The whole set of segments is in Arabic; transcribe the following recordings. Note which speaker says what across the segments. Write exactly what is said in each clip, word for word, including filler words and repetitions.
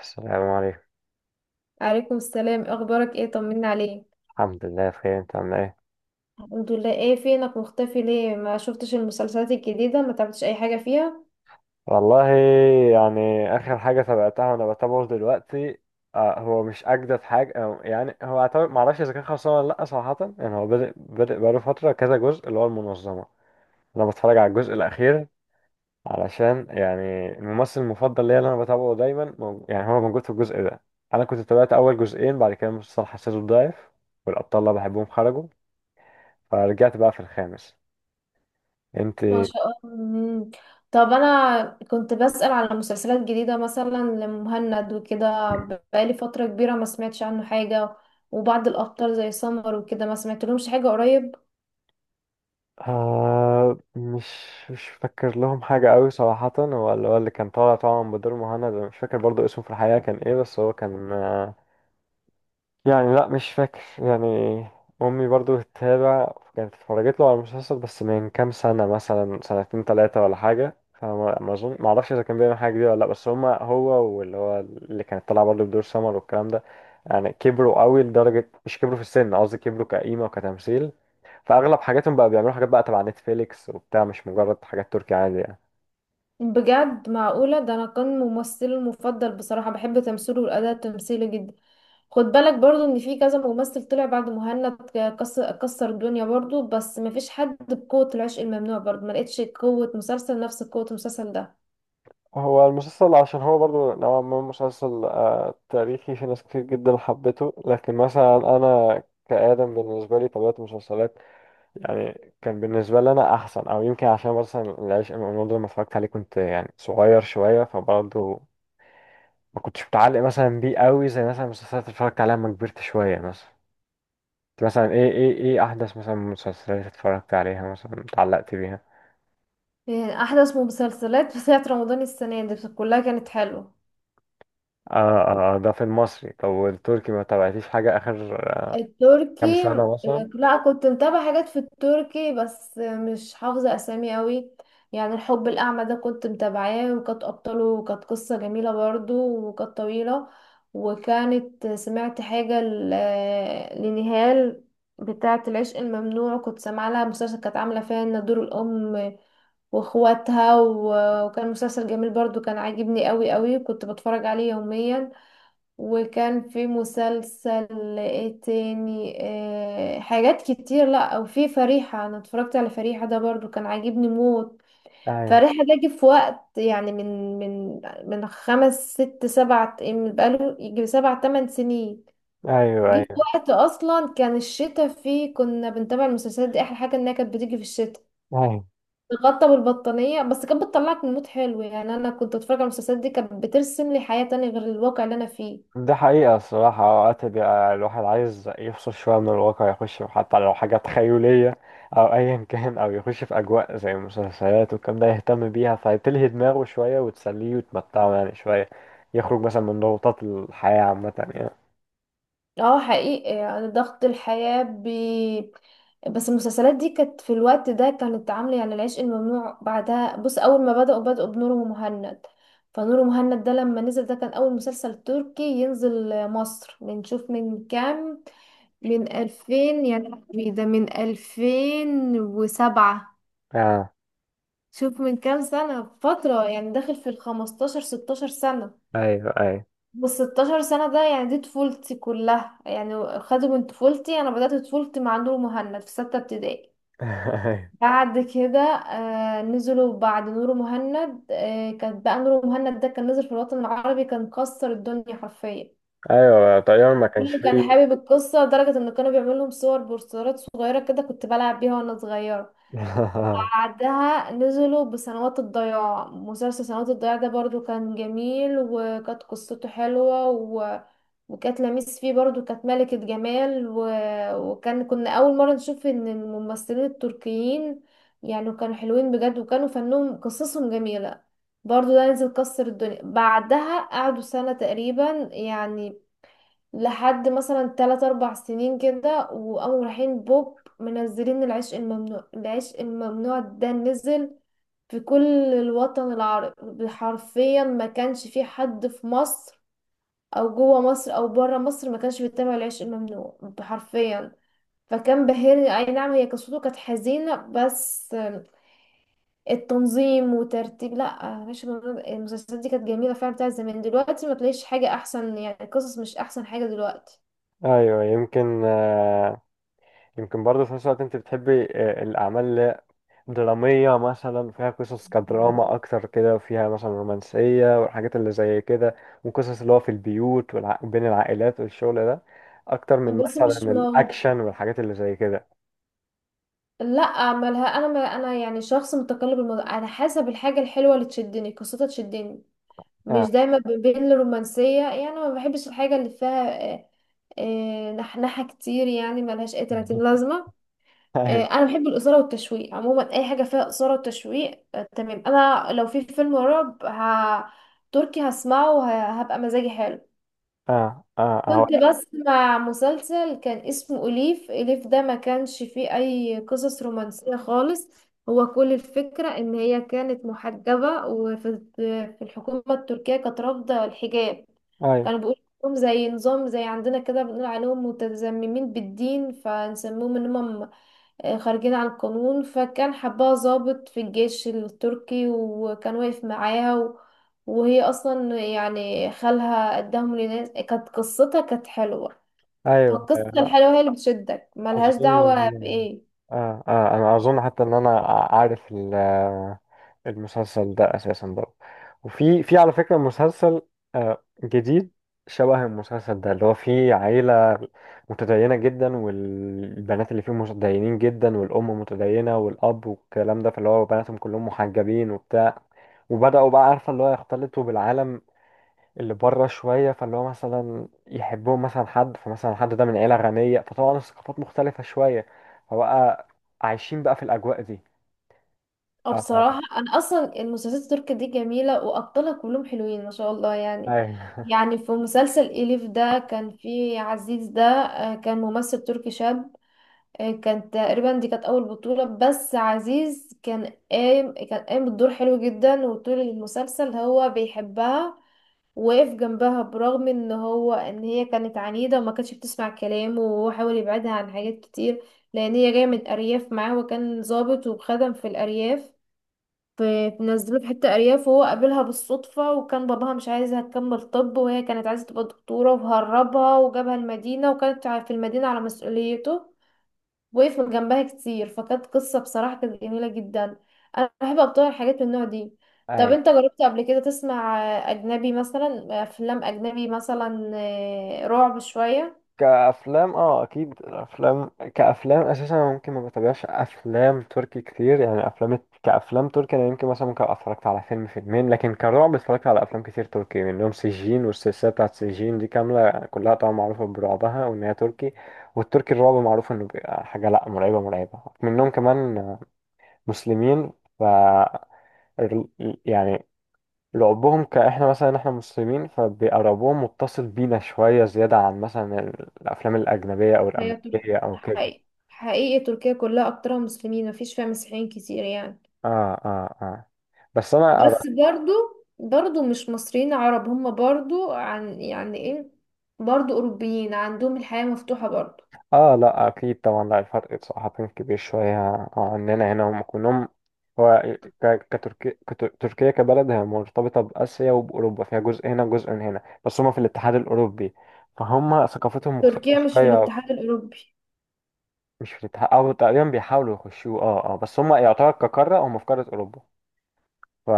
Speaker 1: السلام عليكم.
Speaker 2: عليكم السلام، إيه اخبارك؟ ايه طمنا عليك.
Speaker 1: الحمد لله بخير، انت عامل ايه؟
Speaker 2: الحمد لله. ايه فينك مختفي؟ ليه ما شفتش المسلسلات الجديدة؟ ما تعبتش اي حاجة فيها؟
Speaker 1: والله يعني اخر حاجه تابعتها وانا بتابعه دلوقتي آه، هو مش اجدد حاجه أو يعني هو اعتبر معرفش اذا كان خلصان ولا لا، صراحه يعني هو بدأ بدأ بقاله فتره كذا جزء اللي هو المنظمه. انا بتفرج على الجزء الاخير علشان يعني الممثل المفضل ليا اللي انا بتابعه دايما، مو- يعني هو موجود في الجزء ده. انا كنت تابعت اول جزئين، بعد كده المسلسل حسيته ضعيف والابطال اللي بحبهم خرجوا، فرجعت بقى في الخامس. انت؟
Speaker 2: ما شاء الله. مم. طب انا كنت بسأل على مسلسلات جديدة مثلا لمهند وكده، بقالي فترة كبيرة ما سمعتش عنه حاجة. وبعض الابطال زي سمر وكده ما سمعتلهمش حاجة قريب.
Speaker 1: آه مش مش فاكر لهم حاجة قوي صراحة، هو اللي هو اللي كان طالع طبعا بدور مهند أنا مش فاكر برضو اسمه في الحقيقة كان ايه، بس هو كان آه، يعني لا مش فاكر يعني. امي برضو بتتابع، كانت اتفرجت له على المسلسل بس من كام سنه، مثلا سنتين ثلاثه ولا حاجه، فما ما اظن ما اعرفش اذا كان بيعمل حاجه جديده ولا لا، بس هما هو واللي هو اللي كانت طالعه برضو بدور سمر والكلام ده يعني كبروا قوي، لدرجه مش كبروا في السن، قصدي كبروا كقيمه وكتمثيل. فاغلب حاجاتهم بقى بيعملوا حاجات بقى تبع نتفليكس وبتاع، مش مجرد حاجات تركي عادي يعني.
Speaker 2: بجد؟ معقولة؟ ده انا كان ممثلي المفضل بصراحة، بحب تمثيله والاداء التمثيلي جدا. خد بالك برضو ان في كذا ممثل طلع بعد مهند، كسر كسر الدنيا برضو، بس مفيش حد بقوة العشق الممنوع. برضو ما لقيتش قوة مسلسل نفس قوة المسلسل ده.
Speaker 1: هو المسلسل عشان هو برضو نوعا ما مسلسل آه، تاريخي، في ناس كتير جدا حبته، لكن مثلا انا كآدم بالنسبة لي طبيعة المسلسلات يعني كان بالنسبة لي انا احسن، او يمكن عشان مثلا العشق الممنوع ده لما اتفرجت عليه كنت يعني صغير شوية، فبرضو ما كنتش متعلق مثلا بيه قوي زي مثلا المسلسلات اللي اتفرجت عليها لما كبرت شوية مثلا. أنت مثلا ايه، ايه ايه احدث مثلا مسلسلات اتفرجت عليها مثلا اتعلقت بيها؟
Speaker 2: يعني احدث مسلسلات بتاعت رمضان السنة دي كلها كانت حلوة.
Speaker 1: اه اه، آه، ده في المصري، طب والتركي ما تابعتيش حاجة اخر كام
Speaker 2: التركي، آه،
Speaker 1: سنة مثلا؟
Speaker 2: لا، كنت متابعة حاجات في التركي، بس آه، مش حافظة أسامي قوي. يعني الحب الأعمى ده كنت متابعاه، وكانت أبطاله، وكانت قصة جميلة برضو، وكانت طويلة. وكانت سمعت حاجة ل- آه، لنهال بتاعة العشق الممنوع، كنت سامعة لها مسلسل كانت عاملة فيها إن دور الأم واخواتها، و- وكان مسلسل جميل برضو، كان عاجبني قوي قوي، كنت بتفرج عليه يوميا. وكان في مسلسل ايه تاني؟ آه حاجات كتير. لا، او في فريحة. انا اتفرجت على فريحة ده برضو، كان عاجبني موت.
Speaker 1: ايوه
Speaker 2: فريحة ده جه في وقت يعني من من من خمس ست سبع، من بقاله يجي سبع تمن سنين.
Speaker 1: ايوه.
Speaker 2: جه في
Speaker 1: ايوه
Speaker 2: وقت اصلا كان الشتاء فيه، كنا بنتابع المسلسلات دي، احلى حاجة انها كانت بتيجي في الشتاء،
Speaker 1: ايوه،
Speaker 2: تغطى بالبطانية، بس كانت بتطلعك من مود حلو. يعني انا كنت اتفرج على المسلسلات دي، كانت بترسم لي حياة تانية غير الواقع اللي انا فيه.
Speaker 1: ده حقيقة الصراحة، اوقات بيبقى الواحد عايز يفصل شوية من الواقع، يخش في حتى لو حاجة تخيلية او ايا كان، او يخش في اجواء زي المسلسلات والكلام ده، يهتم بيها فتلهي دماغه شوية وتسليه وتمتعه يعني شوية، يخرج مثلا من ضغوطات الحياة عامة يعني.
Speaker 2: اه حقيقي، يعني ضغط الحياة بي... بس المسلسلات دي كانت في الوقت ده كانت عاملة يعني. العشق الممنوع بعدها، بص، أول ما بدأوا بدأوا بنور ومهند. فنور ومهند ده لما نزل، ده كان أول مسلسل تركي ينزل مصر، بنشوف من كام، من ألفين، يعني إيه ده، من ألفين وسبعة.
Speaker 1: اه،
Speaker 2: شوف من كام سنة، فترة يعني داخل في الخمستاشر ستاشر سنة.
Speaker 1: ايوه ايوه.
Speaker 2: والستاشر سنة ده يعني دي طفولتي كلها يعني، خدوا من طفولتي. أنا بدأت طفولتي مع نور مهند في ستة ابتدائي. بعد كده آه نزلوا بعد نور مهند، آه كانت بقى نور مهند ده كان نزل في الوطن العربي، كان كسر الدنيا حرفيا.
Speaker 1: ايوه ايوه، طيب ما كانش
Speaker 2: كله كان
Speaker 1: فيه.
Speaker 2: حابب القصة لدرجة إن كانوا بيعملوا لهم صور بوسترات صغيرة كده، كنت بلعب بيها وأنا صغيرة. بعدها نزلوا بسنوات الضياع، مسلسل سنوات الضياع ده برضو كان جميل، وكانت قصته حلوة و... وكانت لميس فيه برضو، كانت ملكة جمال و... وكان كنا أول مرة نشوف إن الممثلين التركيين يعني كانوا حلوين بجد، وكانوا فنهم قصصهم جميلة. برضو ده نزل، كسر الدنيا. بعدها قعدوا سنة تقريبا يعني، لحد مثلا تلات أربع سنين كده، وقاموا رايحين بوب منزلين العشق الممنوع. العشق الممنوع ده نزل في كل الوطن العربي حرفيا، ما كانش في حد في مصر أو جوه مصر أو بره مصر ما كانش بيتابع العشق الممنوع حرفيا. فكان بهرني، أي نعم هي قصته كانت حزينة، بس التنظيم وترتيب، لا العشق الممنوع، المسلسلات دي كانت جميلة فعلا بتاعت زمان. دلوقتي ما تلاقيش حاجة أحسن، يعني القصص مش أحسن حاجة دلوقتي.
Speaker 1: ايوه، يمكن آه، يمكن برضه في نفس الوقت انت بتحبي آه، الاعمال درامية، مثلا فيها قصص كدراما أكتر كده، فيها مثلا رومانسية والحاجات اللي زي كده، وقصص اللي هو في البيوت والع... بين العائلات والشغل ده، أكتر من
Speaker 2: بص مش
Speaker 1: مثلا
Speaker 2: موضوع،
Speaker 1: الأكشن والحاجات اللي زي كده.
Speaker 2: لا مالها انا، ما انا يعني شخص متقلب، الموضوع على حسب الحاجه الحلوه اللي تشدني، قصتها تشدني،
Speaker 1: آه.
Speaker 2: مش دايما ب- بين الرومانسيه. يعني ما بحبش الحاجه اللي فيها آه، آه، نحنحه كتير، يعني ملهاش اي ثلاثين لازمه. آه،
Speaker 1: أيوة.
Speaker 2: انا بحب الاثاره والتشويق عموما، اي حاجه فيها اثاره وتشويق آه، تمام. انا لو في فيلم رعب ه- تركي هسمعه وهبقى مزاجي حلو.
Speaker 1: آه آه
Speaker 2: كنت
Speaker 1: هقول.
Speaker 2: بسمع مسلسل كان اسمه أليف. أليف ده ما كانش فيه أي قصص رومانسية خالص، هو كل الفكرة إن هي كانت محجبة، وفي في الحكومة التركية كانت رافضة الحجاب.
Speaker 1: أيوة
Speaker 2: كانوا بيقولوا إنهم زي نظام زي عندنا كده، بنقول عليهم متزممين بالدين، فنسموهم إن هم آه، خارجين عن القانون. فكان حبها ضابط في الجيش التركي، وكان واقف معاها و... وهي اصلا يعني خالها قدامهم لناس، كانت قصتها كانت حلوة.
Speaker 1: أيوة
Speaker 2: فالقصة
Speaker 1: أيوة.
Speaker 2: الحلوة هي اللي بتشدك، ملهاش دعوة
Speaker 1: أظن
Speaker 2: بإيه.
Speaker 1: آه آه، أنا أظن حتى إن أنا عارف ال- المسلسل ده أساسا برضه، وفي في على فكرة مسلسل آه جديد شبه المسلسل ده، اللي هو فيه عيلة متدينة جدا، والبنات اللي فيه متدينين جدا، والأم متدينة والأب والكلام ده، فاللي هو بناتهم كلهم محجبين وبتاع، وبدأوا بقى عارفة اللي هو يختلطوا بالعالم اللي بره شوية، فاللي هو مثلا يحبهم مثلا حد، فمثلا حد ده من عيلة غنية، فطبعا الثقافات مختلفة شوية، فبقى عايشين بقى في الأجواء دي.
Speaker 2: أو
Speaker 1: آه،
Speaker 2: بصراحة أنا أصلا المسلسلات التركية دي جميلة وأبطالها كلهم حلوين ما شاء الله يعني.
Speaker 1: أيوة.
Speaker 2: يعني في مسلسل إليف ده كان فيه عزيز ده، آه، كان ممثل تركي شاب، آه، كانت تقريبا دي كانت اول بطولة، بس عزيز كان قايم كان قايم بالدور حلو جدا. وطول المسلسل هو بيحبها، وقف جنبها، برغم ان هو ان هي كانت عنيدة وما كانتش بتسمع كلامه، وهو حاول يبعدها عن حاجات كتير لان هي جاية من الارياف معاه، وكان ضابط وخدم في الارياف، في نزلوه في حتة ارياف، وهو قابلها بالصدفة، وكان باباها مش عايزها تكمل طب، وهي كانت عايزة تبقى دكتورة، وهربها وجابها المدينة، وكانت في المدينة على مسؤوليته، وقف من جنبها كتير. فكانت قصة بصراحة كانت جميلة جدا. أنا بحب أبطل الحاجات من النوع دي. طب
Speaker 1: أيوة.
Speaker 2: أنت جربت قبل كده تسمع آه، أجنبي، مثلا أفلام أجنبي، مثلا آه، رعب شوية؟
Speaker 1: كأفلام اه أكيد، الأفلام كأفلام أساسا أنا ممكن ما بتابعش أفلام تركي كتير، يعني أفلام كأفلام تركي أنا يمكن مثلا ممكن أبقى اتفرجت على فيلم فيلمين، لكن كرعب اتفرجت على أفلام كتير تركي، منهم سجين والسلسلة بتاعت سجين دي كاملة كلها طبعا معروفة برعبها وإن هي تركي. والتركي الرعب معروف إنه بيبقى حاجة لأ مرعبة مرعبة، منهم كمان مسلمين، ف يعني لعبهم كاحنا مثلا، احنا مسلمين فبيبقى رعبهم متصل بينا شوية زيادة عن مثلا الأفلام الأجنبية أو
Speaker 2: هي تر-
Speaker 1: الأمريكية أو كده.
Speaker 2: حقيقي حقيقي تركيا كلها أكترها مسلمين، مفيش فيها مسيحيين كتير يعني.
Speaker 1: اه اه اه، بس أنا أرى.
Speaker 2: بس برضو برضو مش مصريين عرب هم، برضو عن يعني إيه، برضو أوروبيين، عندهم الحياة مفتوحة برضو.
Speaker 1: اه لا أكيد طبعا، لا الفرق بصراحة كان كبير شوية عننا هنا، هم كلهم هو ك- كتركي- كت- تركيا كبلد هي مرتبطة بآسيا وبأوروبا، فيها جزء هنا وجزء من هنا، بس هم في الاتحاد الأوروبي، فهم ثقافتهم مختلفة
Speaker 2: تركيا مش في
Speaker 1: شوية.
Speaker 2: الاتحاد الأوروبي.
Speaker 1: مش في الاتحاد أو تقريبا بيحاولوا يخشوه، اه اه، بس هم يعتبر كقارة هم في قارة أوروبا ف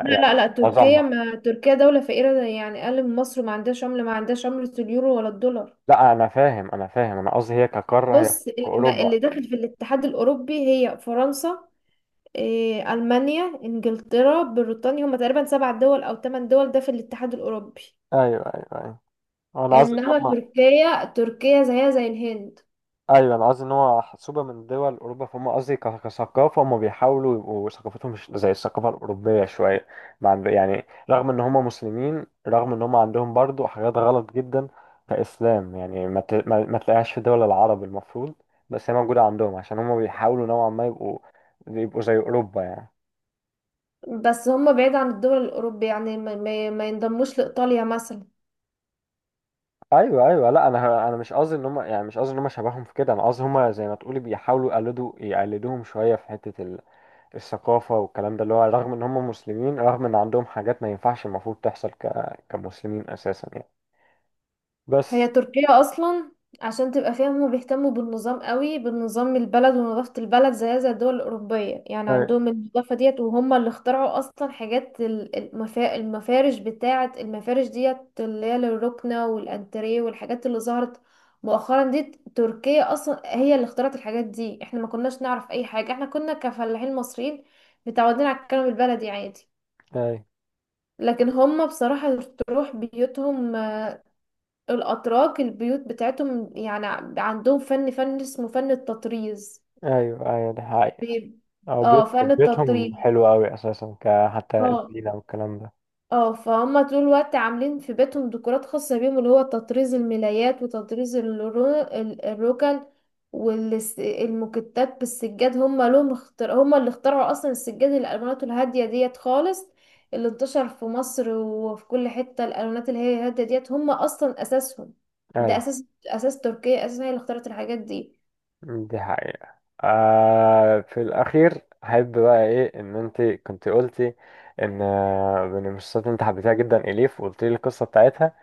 Speaker 2: لا
Speaker 1: يعني
Speaker 2: لا لا، تركيا،
Speaker 1: معظمها.
Speaker 2: ما تركيا دولة فقيرة زي يعني أقل من مصر، ما عندهاش عملة، ما عندهاش عملة اليورو ولا الدولار.
Speaker 1: لا انا فاهم، انا فاهم، انا قصدي هي كقارة هي
Speaker 2: بص
Speaker 1: في
Speaker 2: اللي, ما
Speaker 1: اوروبا.
Speaker 2: اللي داخل في الاتحاد الأوروبي هي فرنسا، إيه، ألمانيا، إنجلترا، بريطانيا، هما تقريبا سبع دول أو ثمان دول ده في الاتحاد الأوروبي.
Speaker 1: ايوه ايوه ايوه، انا قصدي ان
Speaker 2: إنما
Speaker 1: هم
Speaker 2: تركيا تركيا زيها زي الهند.
Speaker 1: ايوه، انا قصدي ان هو حسوبة من دول اوروبا، فهم قصدي ك- كثقافة هم بيحاولوا يبقوا ثقافتهم مش زي الثقافة الاوروبية شوية، ما عند- يعني رغم ان هم مسلمين، رغم ان هم عندهم برضو حاجات غلط جدا كاسلام، يعني ما ت- ما ما تلاقيهاش في دول العرب المفروض، بس هي موجودة عندهم عشان هم بيحاولوا نوعا ما يبقوا يبقوا زي اوروبا يعني.
Speaker 2: بس هما بعيد عن الدول الأوروبية، يعني ما, ما ما ينضموش لإيطاليا مثلا.
Speaker 1: ايوه ايوه، لا انا انا مش قصدي ان هم يعني، مش قصدي ان هم شبههم في كده، انا قصدي هم زي ما تقولي بيحاولوا يقلدوا يقلدوهم شويه في حته ال- الثقافه والكلام ده، اللي هو رغم ان هم مسلمين، رغم ان عندهم حاجات ما ينفعش المفروض تحصل ك... كمسلمين اساسا يعني.
Speaker 2: هي
Speaker 1: بس
Speaker 2: تركيا اصلا، عشان تبقى فاهم، هما بيهتموا بالنظام قوي، بالنظام البلد ونظافة البلد، زي زي الدول الأوروبية، يعني
Speaker 1: ايوه
Speaker 2: عندهم النظافة ديت، وهم اللي اخترعوا اصلا حاجات ال- المفا... المفارش، بتاعة المفارش ديت اللي هي للركنة والانتريه والحاجات اللي ظهرت مؤخرا دي. تركيا اصلا هي اللي اخترعت الحاجات دي. احنا ما كناش نعرف اي حاجة، احنا كنا كفلاحين مصريين متعودين على الكلام البلدي عادي.
Speaker 1: ايوه.
Speaker 2: لكن هم بصراحة، تروح بيوتهم الأتراك، البيوت بتاعتهم يعني عندهم فن فن اسمه فن التطريز.
Speaker 1: ايوه ايوه، ده حقيقة.
Speaker 2: بي-
Speaker 1: او
Speaker 2: اه
Speaker 1: بيت
Speaker 2: فن
Speaker 1: بيتهم
Speaker 2: التطريز.
Speaker 1: حلو قوي اساسا ك حتى
Speaker 2: اه
Speaker 1: الزينه والكلام ده.
Speaker 2: اه، فهم طول الوقت عاملين في بيتهم ديكورات خاصة بيهم، اللي هو تطريز الملايات وتطريز الرو... ال- الركن، والموكيتات بالسجاد. هم لهم اختر... هم اللي اخترعوا اصلا السجاد، الالوانات الهادية ديت خالص اللي انتشر في مصر وفي كل حتة، الالوانات اللي هي هادية ديت هم اصلا اساسهم. ده
Speaker 1: ايوه
Speaker 2: اساس اساس تركيا اساسا هي اللي اخترعت الحاجات دي.
Speaker 1: دي حقيقة. آه في الأخير أحب بقى إيه، إن أنت كنت قلتي إن آه، بين المشخصات أنت حبيتها جدا إليف، وقلت لي القصة بتاعتها،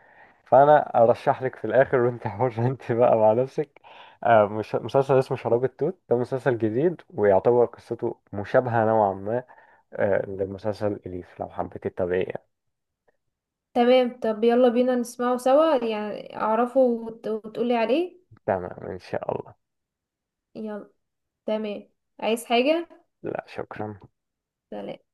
Speaker 1: فأنا أرشح لك في الآخر وأنت حرة أنت بقى مع نفسك. آه، مش مسلسل اسمه شراب التوت، ده مسلسل جديد ويعتبر قصته مشابهة نوعا ما آه لمسلسل إليف، لو حبيتي تتابعيه يعني.
Speaker 2: تمام. طب يلا بينا نسمعه سوا، يعني اعرفه وت... وتقولي عليه.
Speaker 1: تمام إن شاء الله.
Speaker 2: يلا. تمام. عايز حاجة؟
Speaker 1: لا شكرا.
Speaker 2: سلام.